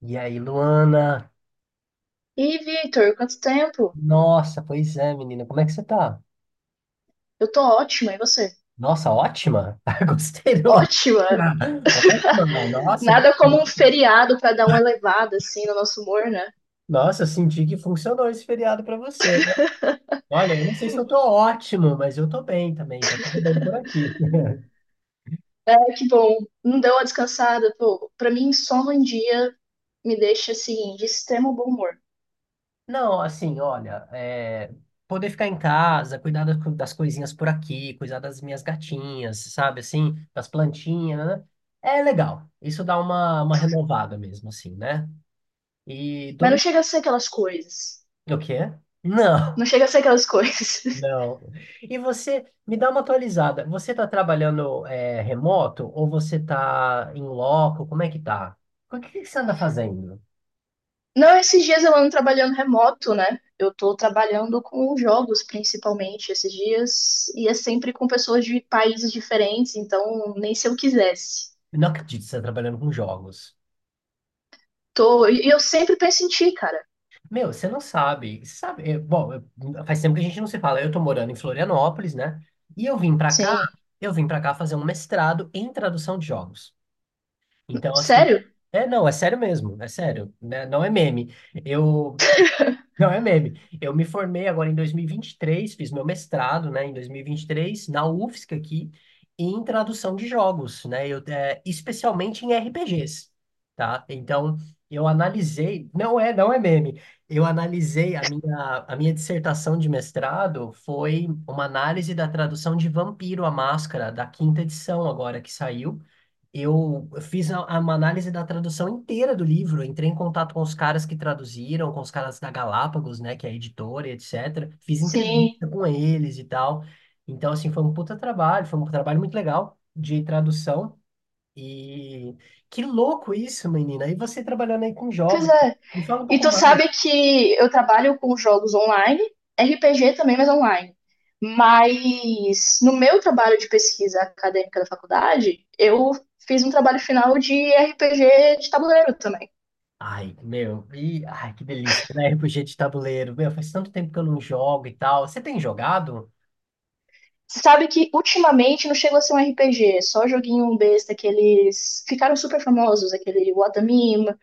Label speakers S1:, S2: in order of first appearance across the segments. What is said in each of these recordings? S1: E aí, Luana?
S2: E Victor, quanto tempo?
S1: Nossa, pois é, menina. Como é que você tá?
S2: Eu tô ótima, e você?
S1: Nossa, ótima. Gostei do.
S2: Ótima!
S1: Ótima. Nossa, que.
S2: Nada como um feriado pra dar uma elevada assim no nosso humor, né?
S1: Nossa, senti que funcionou esse feriado pra você, né? Olha, eu não sei se eu tô ótimo, mas eu tô bem também. Tá tudo bem por aqui.
S2: É, que bom, não deu uma descansada, pô. Pra mim, só um dia me deixa assim de extremo bom humor.
S1: Não, assim, olha, é, poder ficar em casa, cuidar das coisinhas por aqui, cuidar das minhas gatinhas, sabe, assim, das plantinhas, né? É legal. Isso dá uma renovada mesmo, assim, né? E
S2: Mas não
S1: domingo.
S2: chega a ser aquelas coisas.
S1: O quê?
S2: Não
S1: Não,
S2: chega a ser aquelas coisas.
S1: não. E você, me dá uma atualizada. Você está trabalhando remoto ou você está em loco? Como é que tá? O que que você anda fazendo?
S2: Não, esses dias eu ando trabalhando remoto, né? Eu tô trabalhando com jogos, principalmente, esses dias, e é sempre com pessoas de países diferentes, então nem se eu quisesse.
S1: Eu não acredito que você está trabalhando com jogos.
S2: Tô, e eu sempre penso em ti, cara.
S1: Meu, você não sabe. Você sabe, bom, faz tempo que a gente não se fala. Eu tô morando em Florianópolis, né? E eu vim para cá,
S2: Sim.
S1: eu vim para cá fazer um mestrado em tradução de jogos. Então, assim,
S2: Sério?
S1: é, não, é sério mesmo, é sério, né? Não é meme. Eu, Não é meme. Eu me formei agora em dois mil e vinte e três. Fiz meu mestrado, né, em dois mil e vinte e três, na UFSC aqui, em tradução de jogos, né, eu, especialmente em RPGs, tá? Então, não é, não é meme, eu analisei, a minha dissertação de mestrado foi uma análise da tradução de Vampiro a Máscara, da quinta edição agora que saiu, eu fiz uma análise da tradução inteira do livro, entrei em contato com os caras que traduziram, com os caras da Galápagos, né, que é a editora, e etc. Fiz
S2: Sim.
S1: entrevista com eles e tal. Então, assim, foi um puta trabalho, foi um trabalho muito legal de tradução. E que louco isso, menina. E você trabalhando aí com
S2: Pois
S1: jogos.
S2: é.
S1: Me fala um
S2: E
S1: pouco
S2: tu
S1: mais.
S2: sabe que eu trabalho com jogos online, RPG também, mas online. Mas no meu trabalho de pesquisa acadêmica da faculdade, eu fiz um trabalho final de RPG de tabuleiro também.
S1: Ai, meu, e, ai, que delícia, né? RPG de tabuleiro. Meu, faz tanto tempo que eu não jogo e tal. Você tem jogado?
S2: Você sabe que ultimamente não chegou a ser um RPG, só joguinho besta, que eles ficaram super famosos, aquele Watamima,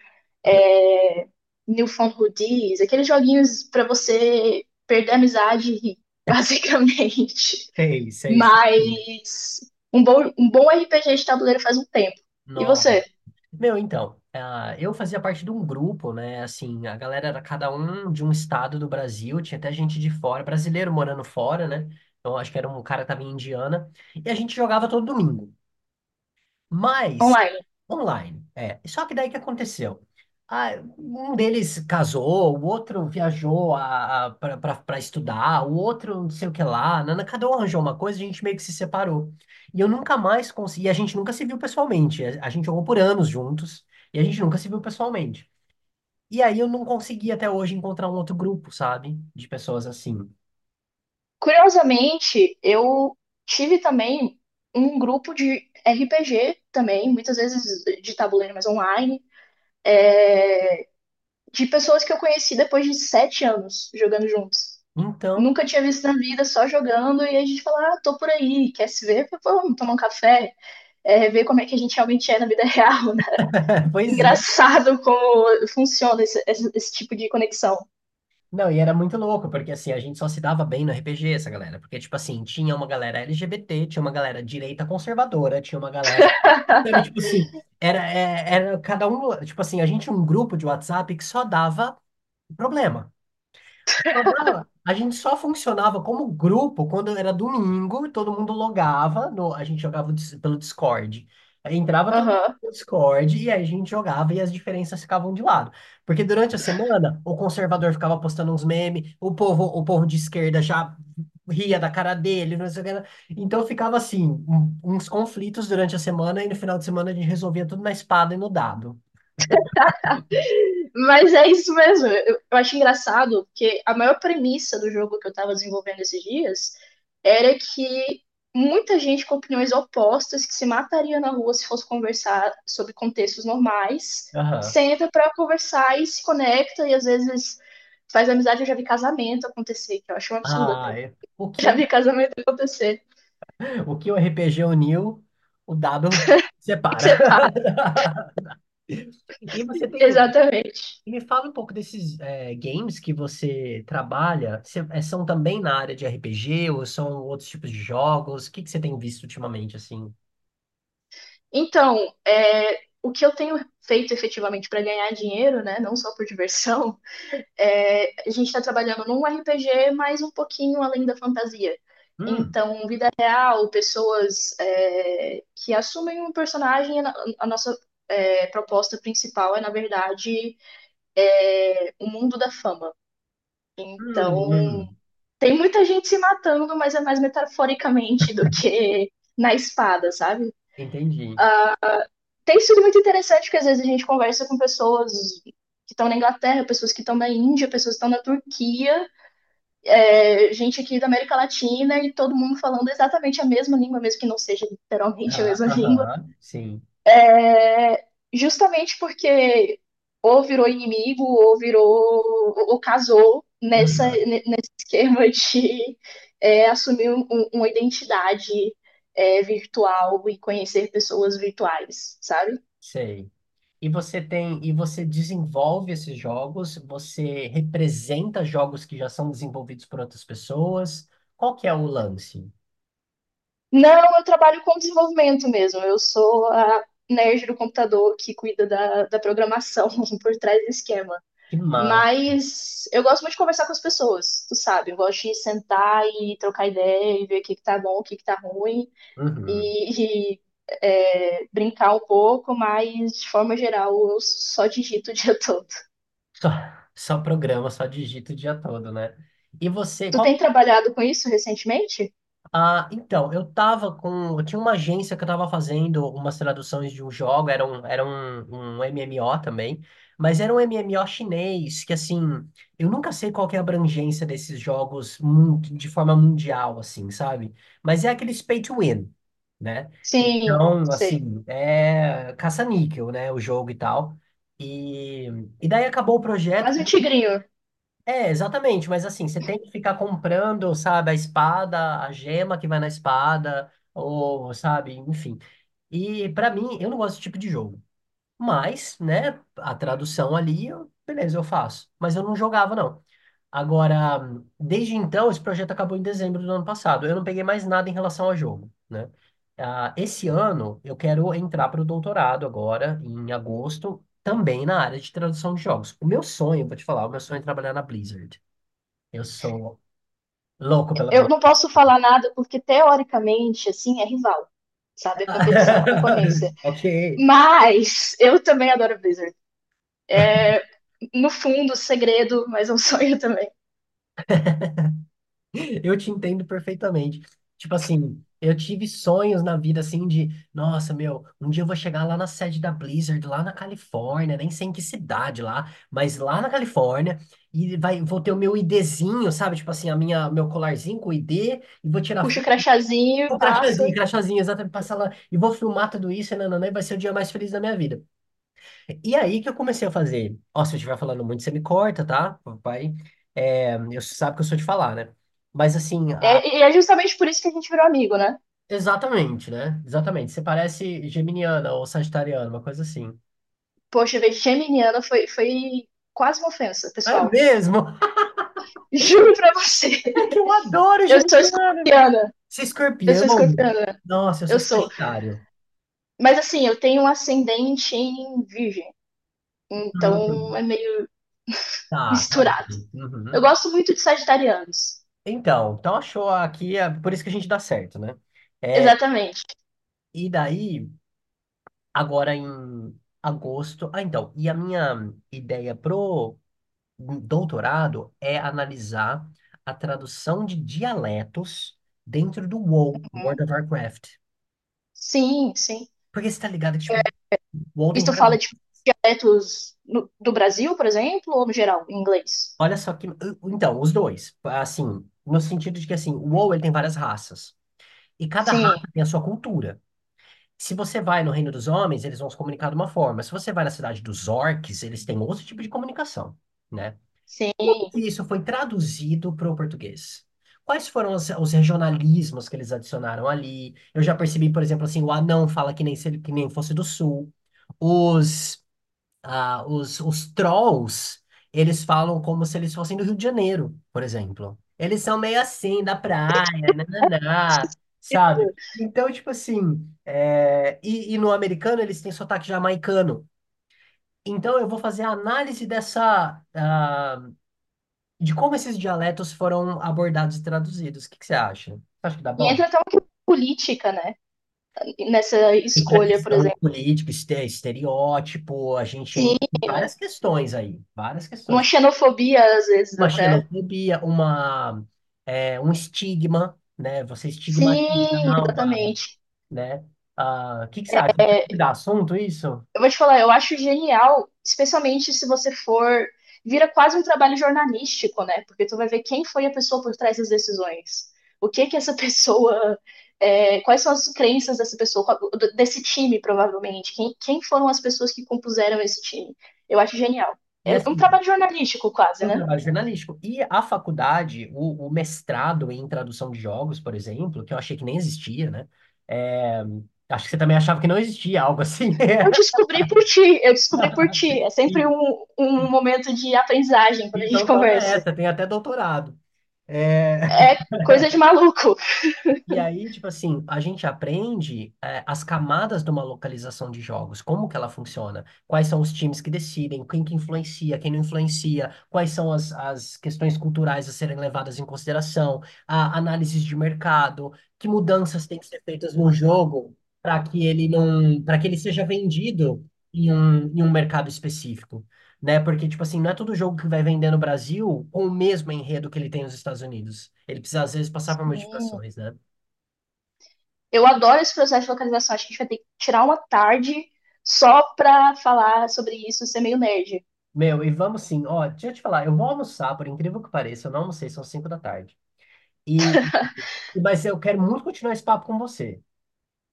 S2: é... Newfoundlandies, aqueles joguinhos pra você perder a amizade e rir, basicamente.
S1: Sei, sei, sei.
S2: Mas um bom RPG de tabuleiro faz um tempo. E você,
S1: Meu, então, eu fazia parte de um grupo, né? Assim, a galera era cada um de um estado do Brasil, tinha até gente de fora, brasileiro morando fora, né? Então, acho que era um cara que tava em Indiana. E a gente jogava todo domingo. Mas,
S2: online?
S1: online, é. Só que daí que aconteceu? Ah, um deles casou, o outro viajou para estudar, o outro não sei o que lá. Nana, cada um arranjou uma coisa, a gente meio que se separou. E eu nunca mais consegui, e a gente nunca se viu pessoalmente. A gente jogou por anos juntos, e a gente nunca se viu pessoalmente. E aí eu não consegui até hoje encontrar um outro grupo, sabe? De pessoas assim.
S2: Curiosamente, eu tive também um grupo de RPG também, muitas vezes de tabuleiro, mas online de pessoas que eu conheci depois de 7 anos jogando juntos.
S1: Então,
S2: Nunca tinha visto na vida, só jogando, e a gente fala, ah, tô por aí, quer se ver? Vamos tomar um café, ver como é que a gente realmente é na vida real, né?
S1: pois é.
S2: Engraçado como funciona esse tipo de conexão.
S1: Não, e era muito louco, porque assim, a gente só se dava bem no RPG, essa galera. Porque, tipo assim, tinha uma galera LGBT, tinha uma galera direita conservadora, tinha uma galera. Sabe, tipo assim, era cada um. Tipo assim, a gente tinha um grupo de WhatsApp que só dava problema. Só dava. A gente só funcionava como grupo quando era domingo, todo mundo logava, a gente jogava pelo Discord. Aí entrava todo mundo
S2: Aham.
S1: no Discord e aí a gente jogava e as diferenças ficavam de lado. Porque durante a semana, o conservador ficava postando uns memes, o povo de esquerda já ria da cara dele, não sei o que lá. Então ficava assim, um- uns conflitos durante a semana e no final de semana a gente resolvia tudo na espada e no dado.
S2: Mas é isso mesmo. Eu acho engraçado que a maior premissa do jogo que eu tava desenvolvendo esses dias era que muita gente com opiniões opostas que se mataria na rua se fosse conversar sobre contextos normais,
S1: Aham.
S2: senta pra conversar e se conecta e às vezes faz amizade. Eu já vi casamento acontecer, que eu acho um absurdo até.
S1: Ah, é. O
S2: Já
S1: que
S2: vi casamento acontecer.
S1: O que o RPG uniu, o dado separa. E você tem.
S2: Exatamente.
S1: Me fala um pouco desses games que você trabalha. São também na área de RPG ou são outros tipos de jogos? O que que você tem visto ultimamente, assim?
S2: Então, o que eu tenho feito efetivamente para ganhar dinheiro, né, não só por diversão, a gente está trabalhando num RPG, mas um pouquinho além da fantasia.
S1: Hum,
S2: Então, vida real, pessoas que assumem um personagem, nossa proposta principal é, na verdade, o mundo da fama. Então,
S1: hum, hum.
S2: tem muita gente se matando, mas é mais metaforicamente do que na espada, sabe?
S1: Entendi.
S2: Tem sido muito interessante, porque às vezes a gente conversa com pessoas que estão na Inglaterra, pessoas que estão na Índia, pessoas que estão na Turquia, gente aqui da América Latina e todo mundo falando exatamente a mesma língua, mesmo que não seja literalmente a
S1: Ah,
S2: mesma língua.
S1: aham, sim.
S2: É, justamente porque ou virou inimigo, ou virou, ou casou nessa,
S1: Aham,
S2: nesse esquema de assumir uma identidade virtual e conhecer pessoas virtuais, sabe?
S1: sei. E você tem, e você desenvolve esses jogos, você representa jogos que já são desenvolvidos por outras pessoas. Qual que é o lance?
S2: Não, eu trabalho com desenvolvimento mesmo. Eu sou a nerd do computador que cuida da programação por trás do esquema.
S1: Que massa.
S2: Mas eu gosto muito de conversar com as pessoas, tu sabe? Eu gosto de sentar e trocar ideia e ver o que que tá bom, o que que tá ruim
S1: Uhum.
S2: e brincar um pouco, mas de forma geral eu só digito o dia todo.
S1: Só, só programa, só digita o dia todo, né? E você,
S2: Tu
S1: qual.
S2: tem trabalhado com isso recentemente?
S1: Ah, então, eu tava com. Eu tinha uma agência que eu tava fazendo umas traduções de um jogo, era um MMO também, mas era um MMO chinês, que assim, eu nunca sei qual que é a abrangência desses jogos de forma mundial, assim, sabe? Mas é aqueles pay to win, né?
S2: Sim,
S1: Então,
S2: sei.
S1: assim, é caça-níquel, né? O jogo e tal. E, e daí acabou o projeto,
S2: Quase um tigrinho.
S1: é, exatamente, mas assim, você tem que ficar comprando, sabe, a espada, a gema que vai na espada, ou, sabe, enfim. E pra mim, eu não gosto desse tipo de jogo. Mas, né, a tradução ali, beleza, eu faço. Mas eu não jogava, não. Agora, desde então, esse projeto acabou em dezembro do ano passado. Eu não peguei mais nada em relação ao jogo, né? Ah, esse ano, eu quero entrar para o doutorado agora, em agosto, também na área de tradução de jogos. O meu sonho, vou te falar, o meu sonho é trabalhar na Blizzard. Eu sou louco pela
S2: Eu
S1: Blink.
S2: não posso falar nada porque teoricamente, assim, é rival. Sabe, é competição, é concorrência.
S1: Ok.
S2: Mas eu também adoro Blizzard. No fundo, segredo, mas é um sonho também.
S1: Eu te entendo perfeitamente. Tipo assim, eu tive sonhos na vida assim de, nossa, meu, um dia eu vou chegar lá na sede da Blizzard, lá na Califórnia, nem sei em que cidade lá, mas lá na Califórnia, e vou ter o meu IDzinho, sabe? Tipo assim, a minha, meu colarzinho com o ID, e vou tirar
S2: Puxa o
S1: foto,
S2: crachazinho,
S1: o
S2: passa.
S1: crachazinho, crachazinho, exatamente, passar lá, e vou filmar tudo isso, e nananã, e vai ser o dia mais feliz da minha vida. E aí que eu comecei a fazer. Ó, se eu estiver falando muito, você me corta, tá? Vai. É, eu sabe que eu sou de falar, né? Mas assim,
S2: É, e é justamente por isso que a gente virou amigo, né?
S1: exatamente, né? Exatamente. Você parece geminiana ou sagitariana, uma coisa assim.
S2: Poxa, ver geminiana foi quase uma ofensa,
S1: É
S2: pessoal.
S1: mesmo?
S2: Juro pra você.
S1: É que eu adoro
S2: Eu sou
S1: geminiano.
S2: escorpiana.
S1: Se
S2: Eu
S1: escorpião,
S2: sou escorpiana.
S1: nossa, eu sou
S2: Eu sou.
S1: sagitário.
S2: Mas assim, eu tenho um ascendente em virgem. Então
S1: Hum,
S2: é meio
S1: tá, tá bom.
S2: misturado. Eu
S1: Uhum.
S2: gosto muito de sagitarianos.
S1: Então achou aqui, é por isso que a gente dá certo, né? É,
S2: Exatamente.
S1: e daí. Agora em agosto. Ah, então, e a minha ideia pro doutorado é analisar a tradução de dialetos dentro do WoW, World
S2: Uhum.
S1: of Warcraft.
S2: Sim, sim.
S1: Porque você tá ligado que,
S2: É,
S1: tipo, WoW tem
S2: isso tu
S1: várias.
S2: fala de dialetos do Brasil, por exemplo, ou no geral, em inglês?
S1: Olha só que. Então, os dois. Assim, no sentido de que, assim, o WoW, ele tem várias raças. E cada
S2: Sim,
S1: raça tem a sua cultura. Se você vai no Reino dos Homens, eles vão se comunicar de uma forma. Se você vai na cidade dos orcs, eles têm outro tipo de comunicação, né?
S2: sim.
S1: Como que isso foi traduzido para o português? Quais foram os regionalismos que eles adicionaram ali? Eu já percebi, por exemplo, assim, o anão fala que nem, se ele- que nem fosse do sul. Os, os trolls, eles falam como se eles fossem do Rio de Janeiro, por exemplo. Eles são meio assim, da praia, nananá, sabe? Então, tipo assim, e no americano eles têm sotaque jamaicano. Então, eu vou fazer a análise dessa, de como esses dialetos foram abordados e traduzidos. O que que você acha? Você acha que dá
S2: E
S1: bom?
S2: entra até uma questão política, né? Nessa
S1: Entre a
S2: escolha, por
S1: questão de
S2: exemplo.
S1: político, estereótipo, a gente entra
S2: Sim,
S1: em várias questões aí, várias
S2: uma
S1: questões.
S2: xenofobia às vezes
S1: Uma
S2: até.
S1: xenofobia, um estigma, né? Você estigmatizar
S2: Sim,
S1: uma,
S2: exatamente.
S1: né? Ah, o que que você acha? Você acha que dá assunto isso?
S2: Eu vou te falar, eu acho genial, especialmente se você for. Vira quase um trabalho jornalístico, né? Porque tu vai ver quem foi a pessoa por trás das decisões. O que que essa pessoa. Quais são as crenças dessa pessoa, desse time, provavelmente? Quem foram as pessoas que compuseram esse time? Eu acho genial.
S1: E
S2: É um
S1: assim,
S2: trabalho jornalístico, quase,
S1: um
S2: né?
S1: trabalho jornalístico. E a faculdade, o mestrado em tradução de jogos, por exemplo, que eu achei que nem existia, né? É, acho que você também achava que não existia algo assim.
S2: Eu descobri por ti, eu descobri por ti. É sempre
S1: E-
S2: um momento de aprendizagem quando a gente
S1: Então toma
S2: conversa.
S1: essa, tem até doutorado. É,
S2: É coisa de maluco.
S1: e aí, tipo assim, a gente aprende as camadas de uma localização de jogos, como que ela funciona, quais são os times que decidem, quem que influencia, quem não influencia, quais são as questões culturais a serem levadas em consideração, a análises de mercado, que mudanças têm que ser feitas no jogo para que ele não, para que ele seja vendido em um mercado específico. Né? Porque, tipo assim, não é todo jogo que vai vender no Brasil com o mesmo enredo que ele tem nos Estados Unidos. Ele precisa, às vezes, passar por
S2: Hum,
S1: modificações, né?
S2: Eu adoro esse processo de localização. Acho que a gente vai ter que tirar uma tarde só pra falar sobre isso, ser meio nerd.
S1: Meu, e vamos sim. Ó, deixa eu te falar, eu vou almoçar, por incrível que pareça, eu não almocei, são 5 da tarde. E, mas eu quero muito continuar esse papo com você.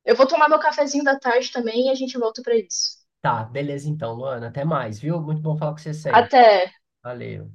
S2: Eu vou tomar meu cafezinho da tarde também e a gente volta pra isso.
S1: Tá, beleza então, Luana. Até mais, viu? Muito bom falar com você sempre.
S2: Até.
S1: Valeu.